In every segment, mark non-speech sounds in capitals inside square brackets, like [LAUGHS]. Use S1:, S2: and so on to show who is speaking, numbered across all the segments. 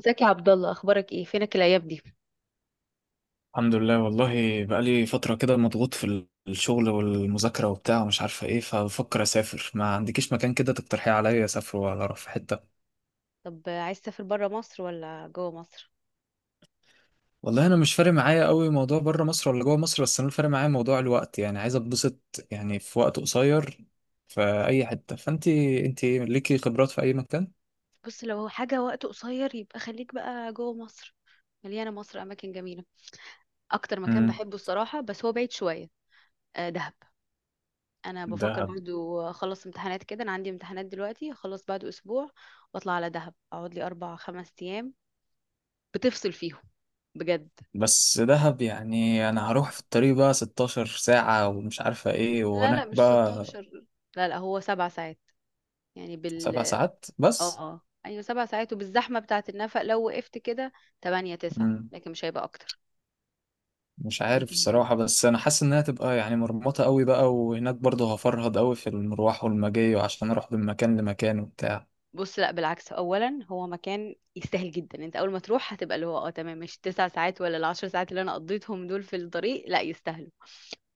S1: ازيك يا عبد الله؟ اخبارك ايه؟ فينك الايام دي؟
S2: الحمد لله. والله بقالي فترة كده مضغوط في الشغل والمذاكرة وبتاع ومش عارفة ايه، فبفكر اسافر. ما عندكيش مكان كده تقترحيه عليا، اسافر ولا اروح في حتة؟
S1: طب عايز تسافر بره مصر ولا جوه مصر؟
S2: والله انا مش فارق معايا قوي موضوع بره مصر ولا جوه مصر، بس انا اللي فارق معايا موضوع الوقت، يعني عايز اتبسط يعني في وقت قصير في اي حتة. فانتي انتي ليكي خبرات في اي مكان.
S1: بص، لو هو حاجه وقت قصير يبقى خليك بقى جوه مصر. مليانه مصر اماكن جميله. اكتر مكان
S2: امم
S1: بحبه الصراحه، بس هو بعيد شويه. آه، دهب. انا بفكر
S2: دهب.
S1: برضو اخلص امتحانات كده. انا عندي امتحانات دلوقتي، اخلص بعد اسبوع واطلع على دهب، اقعد لي 4 5 ايام بتفصل فيهم، بجد.
S2: بس دهب يعني انا هروح في الطريق بقى 16 ساعة ومش عارفة ايه
S1: لا لا،
S2: وهناك
S1: مش
S2: بقى.
S1: 16. لا لا، هو 7 ساعات. يعني بال
S2: 7 ساعات بس؟
S1: اه ايوه، 7 ساعات، وبالزحمه بتاعه النفق لو وقفت كده 8 9، لكن مش هيبقى اكتر.
S2: مش عارف
S1: لكن
S2: الصراحة، بس أنا حاسس إنها تبقى يعني مرمطة قوي بقى، وهناك برضه هفرهد قوي في المروح والمجاي وعشان أروح من مكان لمكان وبتاع.
S1: بص، لا بالعكس، اولا هو مكان يستاهل جدا. انت اول ما تروح هتبقى اللي هو اه تمام. مش ال9 ساعات ولا ال10 ساعات اللي انا قضيتهم دول في الطريق، لا يستاهلوا.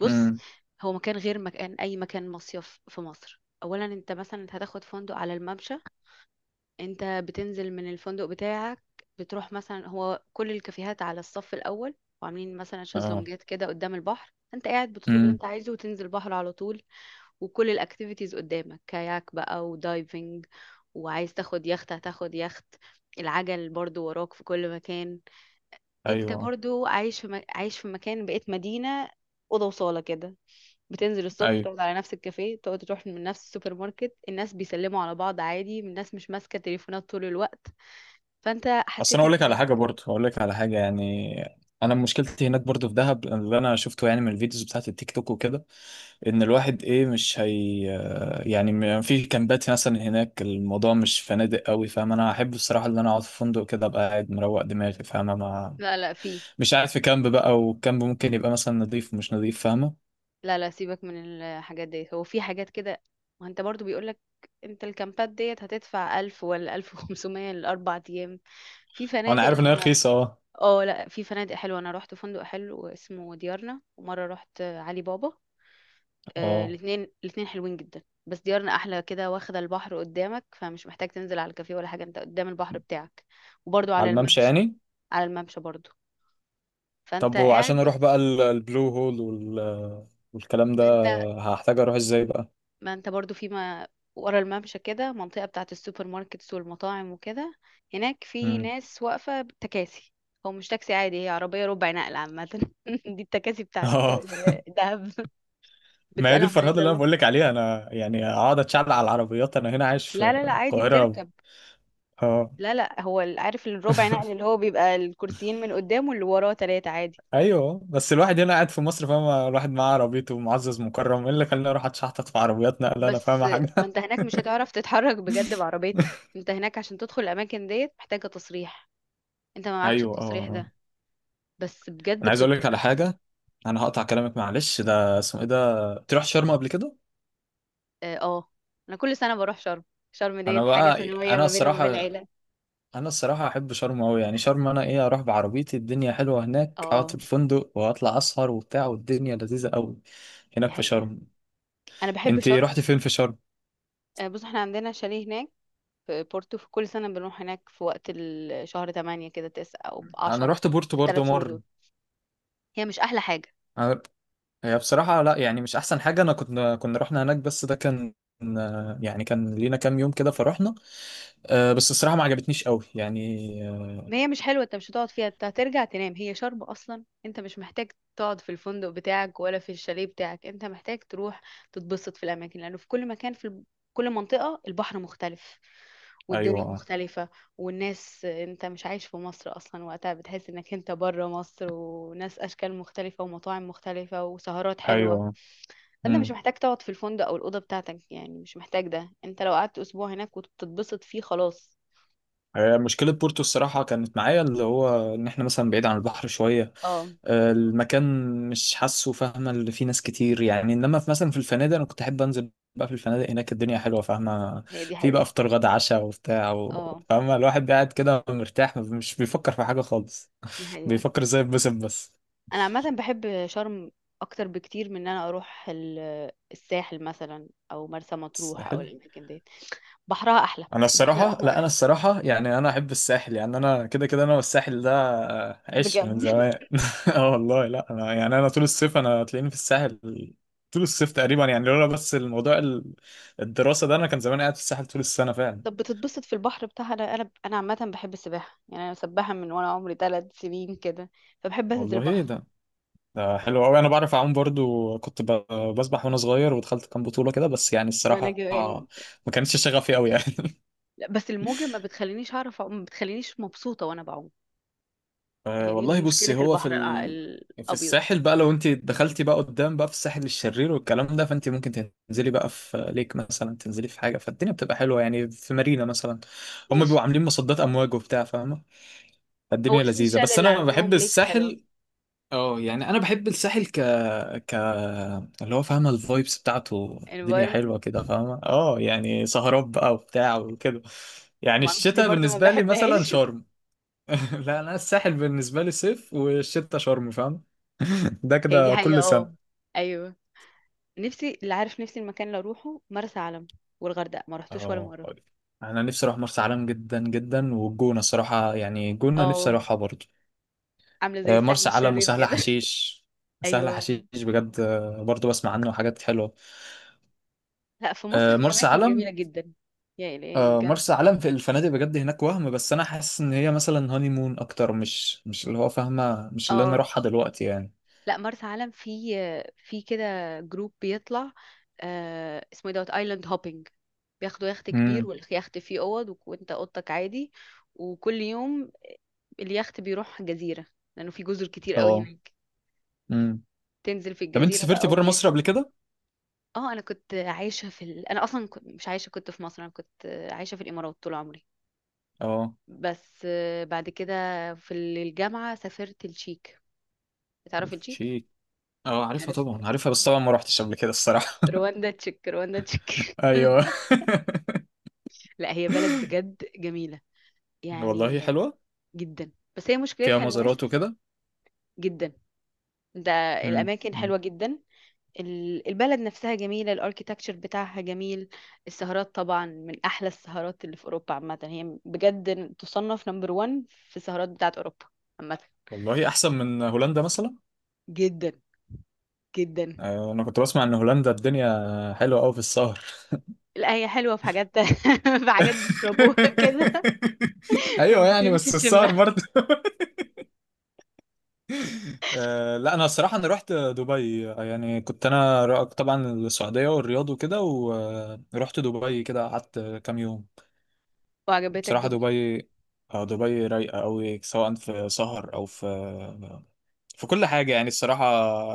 S1: بص،
S2: امم
S1: هو مكان غير مكان. اي مكان مصيف في مصر، اولا انت مثلا هتاخد فندق على الممشى. انت بتنزل من الفندق بتاعك، بتروح مثلا هو كل الكافيهات على الصف الاول، وعاملين مثلا
S2: اه
S1: شезلونجات كده قدام البحر. انت قاعد بتطلب اللي
S2: امم
S1: انت عايزه وتنزل البحر على طول. وكل الاكتيفيتيز قدامك، كاياك بقى ودايفنج. وعايز تاخد يخت هتاخد يخت. العجل برضو وراك في كل مكان. انت
S2: أيوه.
S1: برضو عايش في مكان. بقيت مدينة، اوضه وصاله كده. بتنزل الصبح،
S2: أيوه،
S1: تقعد على نفس الكافيه، تقعد، تروح من نفس السوبر ماركت. الناس بيسلموا على بعض عادي، الناس مش ماسكة تليفونات طول الوقت. فانت
S2: أصل أنا
S1: حسيت
S2: أقول
S1: انك
S2: لك على حاجة، برضه أقول لك على حاجة يعني. أنا مشكلتي هناك برضه في دهب، اللي أنا شفته يعني من الفيديوز بتاعت التيك توك وكده، إن الواحد إيه مش هي آه، يعني في كامبات مثلا هناك الموضوع مش فنادق قوي فاهم. أنا أحب الصراحة إن أنا أقعد في فندق كده، أبقى قاعد مروق دماغي فاهم،
S1: لا لا، في،
S2: مش قاعد في كامب بقى، والكامب ممكن يبقى مثلا نظيف ومش نظيف فاهمة.
S1: لا لا، سيبك من الحاجات ديت، هو في حاجات كده. ما انت برضو بيقولك، انت الكامبات ديت هتدفع 1000 ولا 1500 ل4 ايام. في
S2: أه، انا
S1: فنادق، لا
S2: عارف ان هي
S1: انا.
S2: رخيصة اه.
S1: اه، لا في فنادق حلوه. انا رحت فندق حلو اسمه ديارنا، ومره رحت علي بابا. آه،
S2: اه،
S1: الاثنين الاثنين حلوين جدا، بس ديارنا احلى كده واخده البحر قدامك، فمش محتاج تنزل على الكافيه ولا حاجه، انت قدام البحر بتاعك. وبرضو
S2: على
S1: على
S2: الممشى
S1: الممشى،
S2: يعني.
S1: على الممشى برضو. فانت
S2: طب وعشان
S1: قاعد
S2: اروح بقى
S1: بس.
S2: البلو هول والكلام ده،
S1: ما انت
S2: هحتاج اروح ازاي بقى؟
S1: ما انت برضو في ما ورا الممشى، كده منطقة بتاعة السوبر ماركتس والمطاعم وكده. هناك في
S2: مم.
S1: ناس واقفة تكاسي. هو مش تاكسي عادي، هي عربية ربع نقل عامة [LAUGHS] دي التكاسي
S2: [LAUGHS]
S1: بتاعة
S2: اه.
S1: دهب.
S2: ما هي دي
S1: بتسألهم
S2: الفرهدة
S1: عايزة
S2: اللي انا
S1: اروح.
S2: بقول لك عليها. انا يعني اقعد اتشعل على العربيات؟ انا هنا عايش في
S1: لا لا لا، عادي
S2: القاهرة.
S1: بتركب.
S2: اه.
S1: لا لا، هو عارف الربع نقل
S2: [LAUGHS]
S1: اللي هو بيبقى الكرسيين من قدام، واللي وراه تلاتة عادي.
S2: ايوه، بس الواحد هنا قاعد في مصر فاهمة، الواحد معاه عربيته معزز مكرم، ايه اللي خلاني اروح اتشحطط في عربيات نقل، انا
S1: بس
S2: فاهمة
S1: ما
S2: حاجة؟
S1: انت هناك مش هتعرف تتحرك بجد بعربيتك.
S2: [LAUGHS]
S1: انت هناك عشان تدخل الاماكن ديت محتاجة تصريح، انت ما معكش
S2: ايوه.
S1: التصريح
S2: اه،
S1: ده. بس بجد
S2: انا عايز اقول لك على
S1: بتتبسط.
S2: حاجه، انا هقطع كلامك معلش، ده اسمه ايه، ده تروح شرم قبل كده؟
S1: اه، آه. انا كل سنة بروح شرم، شرم
S2: انا
S1: ديت حاجة
S2: بقى
S1: سنوية
S2: انا
S1: ما بيني وما بين
S2: الصراحه
S1: العيلة.
S2: انا الصراحه احب شرم قوي، يعني شرم انا ايه، اروح بعربيتي، الدنيا حلوه هناك، اقعد في
S1: اه،
S2: الفندق واطلع اسهر وبتاع، والدنيا لذيذه قوي
S1: دي
S2: هناك في
S1: حقيقة.
S2: شرم.
S1: انا بحب
S2: انت
S1: شرم.
S2: رحت فين في شرم؟
S1: آه، بص احنا عندنا شاليه هناك في بورتو. في كل سنة بنروح هناك في وقت شهر 8 كده، 9 او
S2: انا
S1: 10،
S2: رحت بورتو
S1: في الثلاث
S2: برضه
S1: شهور
S2: مره.
S1: دول. هي مش احلى حاجة؟
S2: أنا... هي بصراحه لا، يعني مش احسن حاجه. انا كنا رحنا هناك، بس ده كان يعني كان لينا كام يوم كده فرحنا. أه، بس الصراحه ما عجبتنيش قوي يعني. آه،
S1: ما هي مش حلوة، انت مش هتقعد فيها، انت هترجع تنام. هي شرب اصلا، انت مش محتاج تقعد في الفندق بتاعك ولا في الشاليه بتاعك، انت محتاج تروح تتبسط في الاماكن، لانه في كل مكان في كل منطقة البحر مختلف، والدنيا
S2: ايوه.
S1: مختلفة، والناس. انت مش عايش في مصر اصلا وقتها، بتحس انك انت بره مصر، وناس اشكال مختلفة ومطاعم مختلفة وسهرات حلوة.
S2: ايوه.
S1: فانت مش
S2: مم.
S1: محتاج تقعد في الفندق او الاوضة بتاعتك، يعني مش محتاج ده. انت لو قعدت اسبوع هناك وتتبسط فيه، خلاص.
S2: آه، مشكلة بورتو الصراحة كانت معايا اللي هو إن إحنا مثلا بعيد عن البحر شوية.
S1: اه،
S2: آه، المكان مش حاسه فاهمة اللي فيه ناس كتير يعني، إنما في مثلا في الفنادق أنا كنت أحب أنزل بقى في الفنادق، هناك الدنيا حلوة فاهمة.
S1: هي دي
S2: في بقى
S1: حقيقة.
S2: فطار غدا عشاء وبتاع
S1: اه،
S2: فاهمة الواحد قاعد كده مرتاح مش بيفكر في حاجة خالص،
S1: دي حقيقة.
S2: بيفكر إزاي يتبسط بس.
S1: انا عامه بحب شرم اكتر بكتير من ان انا اروح الساحل مثلا او مرسى مطروح او
S2: حلو.
S1: الاماكن دي. بحرها احلى،
S2: انا
S1: البحر
S2: الصراحه
S1: الاحمر
S2: لا انا
S1: احلى.
S2: الصراحه يعني انا احب الساحل، يعني انا كده كده انا والساحل ده آه، عشق من
S1: بجد
S2: زمان.
S1: [LAUGHS]
S2: [LAUGHS] اه والله، لا انا يعني انا طول الصيف انا تلاقيني في الساحل، طول الصيف تقريبا يعني، لولا بس الموضوع الدراسه ده، انا كان زمان قاعد في الساحل طول السنه فعلا.
S1: طب بتتبسط في البحر بتاعها؟ انا عامه بحب السباحه. يعني انا سباحه من وانا عمري 3 سنين كده، فبحب انزل
S2: والله ايه
S1: بحر.
S2: ده، ده حلو قوي. انا بعرف اعوم برضو، كنت بسبح وانا صغير، ودخلت كام بطوله كده، بس يعني
S1: ما انا
S2: الصراحه
S1: جوان.
S2: ما كانتش شغفي قوي يعني. [LAUGHS]
S1: لا، بس الموجه ما بتخلينيش اعرف أعوم، ما بتخلينيش مبسوطه وانا بعوم.
S2: أه
S1: هي دي
S2: والله بصي،
S1: مشكله البحر
S2: في
S1: الابيض.
S2: الساحل بقى، لو انت دخلتي بقى قدام بقى في الساحل الشرير والكلام ده، فانت ممكن تنزلي بقى في ليك مثلا، تنزلي في حاجه، فالدنيا بتبقى حلوه، يعني في مارينا مثلا، هم بيبقوا
S1: ماشي.
S2: عاملين مصدات امواج وبتاع فاهمه،
S1: هو
S2: فالدنيا لذيذه،
S1: سيشال
S2: بس
S1: اللي
S2: انا بحب
S1: عندهم ليكس حلو.
S2: الساحل. اه يعني انا بحب الساحل ك ك اللي هو فاهمه، الفايبس بتاعته، الدنيا
S1: environment.
S2: حلوه كده فاهمه، اه يعني سهرات بقى وبتاع وكده. يعني
S1: ما اعرفش ليه
S2: الشتاء
S1: برضه ما
S2: بالنسبه لي مثلا
S1: بحبهاش [LAUGHS]
S2: شرم. [LAUGHS] لا، انا الساحل بالنسبه لي صيف، والشتا شرم فاهم. [LAUGHS] ده
S1: هي دي
S2: كده
S1: حقيقة.
S2: كل
S1: اه،
S2: سنه.
S1: ايوه. نفسي اللي عارف، نفسي المكان اللي اروحه مرسى علم. والغردقة ما رحتوش ولا
S2: اه
S1: مرة.
S2: طيب. انا نفسي اروح مرسى علم جدا جدا، والجونه الصراحه، يعني الجونه نفسي
S1: اه،
S2: اروحها برضه.
S1: عاملة زي
S2: آه،
S1: الساحل
S2: مرسى علم
S1: الشرير
S2: وسهل
S1: كده
S2: حشيش.
S1: [LAUGHS]
S2: سهل
S1: ايوه،
S2: حشيش بجد آه، برضه بسمع عنه حاجات حلوه.
S1: لا في مصر
S2: آه،
S1: في
S2: مرسى
S1: اماكن
S2: علم.
S1: جميلة جدا. يا الهي
S2: آه،
S1: بجد.
S2: مرسى علم في الفنادق بجد هناك وهم، بس انا حاسس ان هي مثلا هاني مون اكتر، مش اللي هو فاهمه، مش اللي انا
S1: اه،
S2: اروحها دلوقتي يعني.
S1: لا مرسى علم في، في كده جروب بيطلع. آه اسمه إيه؟ دوت ايلاند هوبينج. بياخدوا يخت كبير،
S2: امم
S1: واليخت فيه اوض وانت اوضتك عادي. وكل يوم اليخت بيروح جزيرة، لانه في جزر كتير قوي
S2: اه
S1: هناك.
S2: امم
S1: تنزل في
S2: طب انت
S1: الجزيرة
S2: سافرتي
S1: بقى
S2: بره مصر
S1: وبيشوا.
S2: قبل كده؟
S1: اه، انا كنت عايشه في انا اصلا كنت مش عايشه، كنت في مصر. انا كنت عايشه في الامارات طول عمري.
S2: اه.
S1: بس آه، بعد كده في الجامعه سافرت التشيك. بتعرف التشيك؟
S2: شيك. اه عارفها
S1: عارف
S2: طبعا، عارفها بس طبعا ما روحتش قبل كده الصراحة.
S1: رواندا تشيك، رواندا تشيك
S2: [LAUGHS] ايوه.
S1: [LAUGHS] لا هي بلد بجد جميله،
S2: [LAUGHS]
S1: يعني
S2: والله حلوة.
S1: جدا. بس هي
S2: فيها
S1: مشكلتها الناس.
S2: مزارات وكده.
S1: جدا ده.
S2: مم.
S1: الاماكن
S2: مم.
S1: حلوه جدا. البلد نفسها جميلة، الاركيتكتشر بتاعها جميل. السهرات طبعا من أحلى السهرات اللي في أوروبا عامة، هي بجد تصنف نمبر ون في السهرات بتاعت أوروبا عامة.
S2: والله احسن من هولندا مثلا.
S1: جدا جدا.
S2: آه، انا كنت بسمع ان هولندا الدنيا حلوة قوي في السهر.
S1: لا هي حلوة في حاجات [LAUGHS] في حاجات بيشربوها كده
S2: [LAUGHS]
S1: [LAUGHS]
S2: ايوه، يعني
S1: بتمشي
S2: بس السهر
S1: تشمها.
S2: برضه. [LAUGHS] آه، لا، انا الصراحه انا رحت دبي. آه، يعني كنت انا طبعا السعوديه والرياض وكده، ورحت دبي كده قعدت كام يوم.
S1: وعجبتك
S2: بصراحة
S1: دبي؟
S2: دبي، آه، دبي رايقة أوي، سواء في سهر أو في في كل حاجة يعني الصراحة،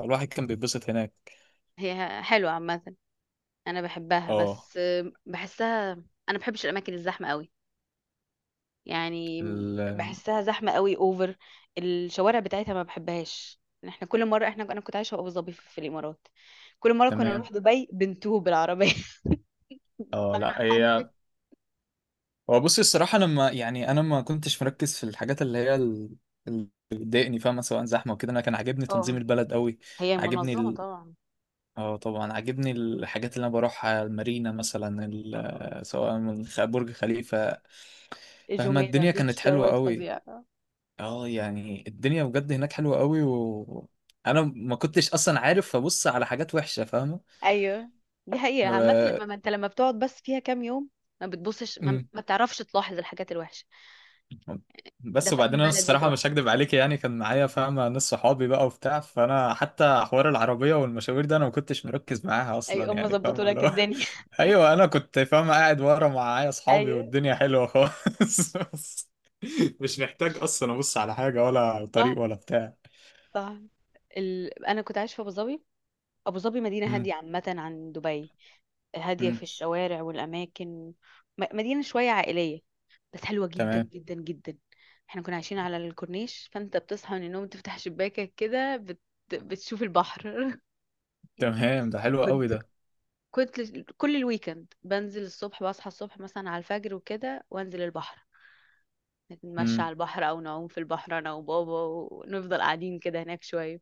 S2: الواحد كان بيتبسط هناك.
S1: هي حلوة عامة، أنا بحبها،
S2: اه
S1: بس بحسها، أنا بحبش الأماكن الزحمة قوي. يعني
S2: ال...
S1: بحسها زحمة قوي، اوفر. الشوارع بتاعتها ما بحبهاش. احنا كل مرة احنا، انا كنت عايشة في ابو ظبي، في الامارات، كل مرة كنا
S2: تمام.
S1: نروح دبي بنتوه بالعربية [LAUGHS]
S2: اه
S1: بمعنى
S2: لا
S1: حرفي.
S2: هي، هو بصي الصراحة، أنا ما يعني أنا ما كنتش مركز في الحاجات اللي هي اللي بتضايقني فاهمة، سواء زحمة وكده. أنا كان عاجبني تنظيم
S1: اه،
S2: البلد أوي،
S1: هي
S2: عاجبني
S1: منظمة طبعا.
S2: اه طبعا عاجبني الحاجات اللي أنا بروحها، المارينا مثلا سواء من برج خليفة، فاهمة
S1: جميرة
S2: الدنيا
S1: بيتش
S2: كانت حلوة
S1: دوت
S2: أوي.
S1: فظيع.
S2: اه يعني الدنيا بجد هناك حلوة قوي، و انا ما كنتش اصلا عارف، فبص على حاجات وحشة فاهمة.
S1: ايوه، دي حقيقة عامة.
S2: و-
S1: لما ما انت لما بتقعد بس فيها كام يوم، ما بتبصش،
S2: مم.
S1: ما بتعرفش تلاحظ الحاجات الوحشة. ده
S2: بس
S1: في اي
S2: وبعدين انا
S1: بلد
S2: الصراحة
S1: بتروح،
S2: مش هكدب عليك، يعني كان معايا فاهمة ناس، صحابي بقى وبتاع، فانا حتى حوار العربية والمشاوير ده انا ما كنتش مركز معاها
S1: اي
S2: اصلا
S1: ام
S2: يعني
S1: ظبطوا
S2: فاهمة اللي
S1: لك
S2: هو
S1: الدنيا
S2: [LAUGHS] ايوه، انا كنت فاهمة قاعد ورا معايا
S1: [LAUGHS]
S2: اصحابي،
S1: ايوه،
S2: والدنيا حلوة خالص. [LAUGHS] بس مش محتاج اصلا ابص على حاجة ولا
S1: صح
S2: طريق ولا بتاع.
S1: صح. انا كنت عايشه في ابو ظبي. أبو ظبي مدينة
S2: مم.
S1: هادية عامة عن دبي، هادية
S2: مم.
S1: في الشوارع والأماكن. مدينة شوية عائلية، بس حلوة جدا
S2: تمام.
S1: جدا جدا. احنا كنا عايشين على الكورنيش، فانت بتصحى من النوم تفتح شباكك كده بتشوف البحر
S2: تمام، ده
S1: [LAUGHS]
S2: حلو قوي.
S1: كنت كنت كل الويكند بنزل الصبح، بصحى الصبح مثلا على الفجر وكده، وانزل البحر، نتمشى
S2: ده
S1: على البحر او نعوم في البحر انا وبابا، ونفضل قاعدين كده هناك شوية.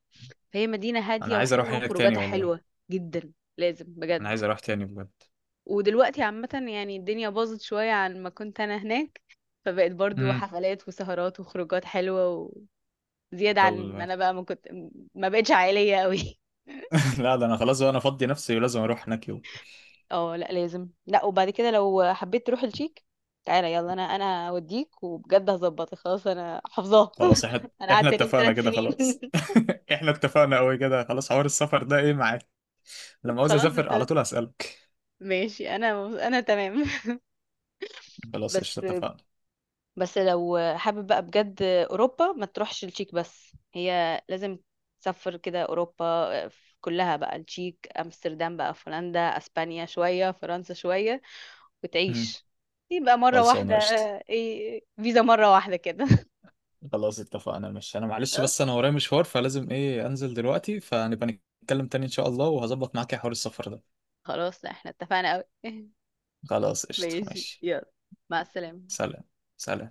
S1: فهي مدينة
S2: انا
S1: هادية
S2: عايز اروح
S1: وحلوة
S2: هناك تاني
S1: وخروجاتها
S2: والله.
S1: حلوة جدا. لازم
S2: انا
S1: بجد.
S2: عايز اروح تاني بجد.
S1: ودلوقتي عامة يعني الدنيا باظت شوية عن ما كنت أنا هناك، فبقت برضو
S2: امم.
S1: حفلات وسهرات وخروجات حلوة، وزيادة عن ما
S2: طب.
S1: أنا بقى ما كنت. ما بقتش عائلية قوي
S2: [LAUGHS] لا، ده انا خلاص بقى انا فضي نفسي، ولازم اروح هناك يوم.
S1: [LAUGHS] اه، لا لازم. لا، وبعد كده لو حبيت تروح الشيك، تعالى يلا، انا اوديك، وبجد هظبطك خلاص، انا حافظاها
S2: خلاص احنا
S1: [LAUGHS] أنا
S2: احنا
S1: قعدت هناك
S2: اتفقنا
S1: ثلاث
S2: كده
S1: سنين
S2: خلاص.
S1: [LAUGHS]
S2: [LAUGHS] احنا اتفقنا قوي كده خلاص، حوار السفر ده ايه معاك، لما عاوز
S1: خلاص
S2: اسافر على
S1: أنت،
S2: طول اسالك.
S1: ماشي. أنا تمام [LAUGHS]
S2: خلاص
S1: بس
S2: قشطه اتفقنا.
S1: بس لو حابب بقى بجد اوروبا، ما تروحش التشيك بس، هي لازم تسافر كده اوروبا كلها بقى، التشيك، امستردام بقى في هولندا، اسبانيا شويه، فرنسا شويه،
S2: امم.
S1: وتعيش، يبقى مره واحده.
S2: خلصانه قشطه.
S1: ايه؟ فيزا مره واحده كده
S2: خلاص اتفقنا، مش انا معلش، بس انا
S1: [LAUGHS]
S2: ورايا مشوار، فلازم ايه انزل دلوقتي، فنبقى نتكلم تاني ان شاء الله، وهظبط معاك يا حوار السفر ده.
S1: خلاص، لا احنا اتفقنا قوي [LAUGHS]
S2: خلاص قشطه
S1: ماشي
S2: ماشي.
S1: يلا، مع السلامه.
S2: سلام. سلام.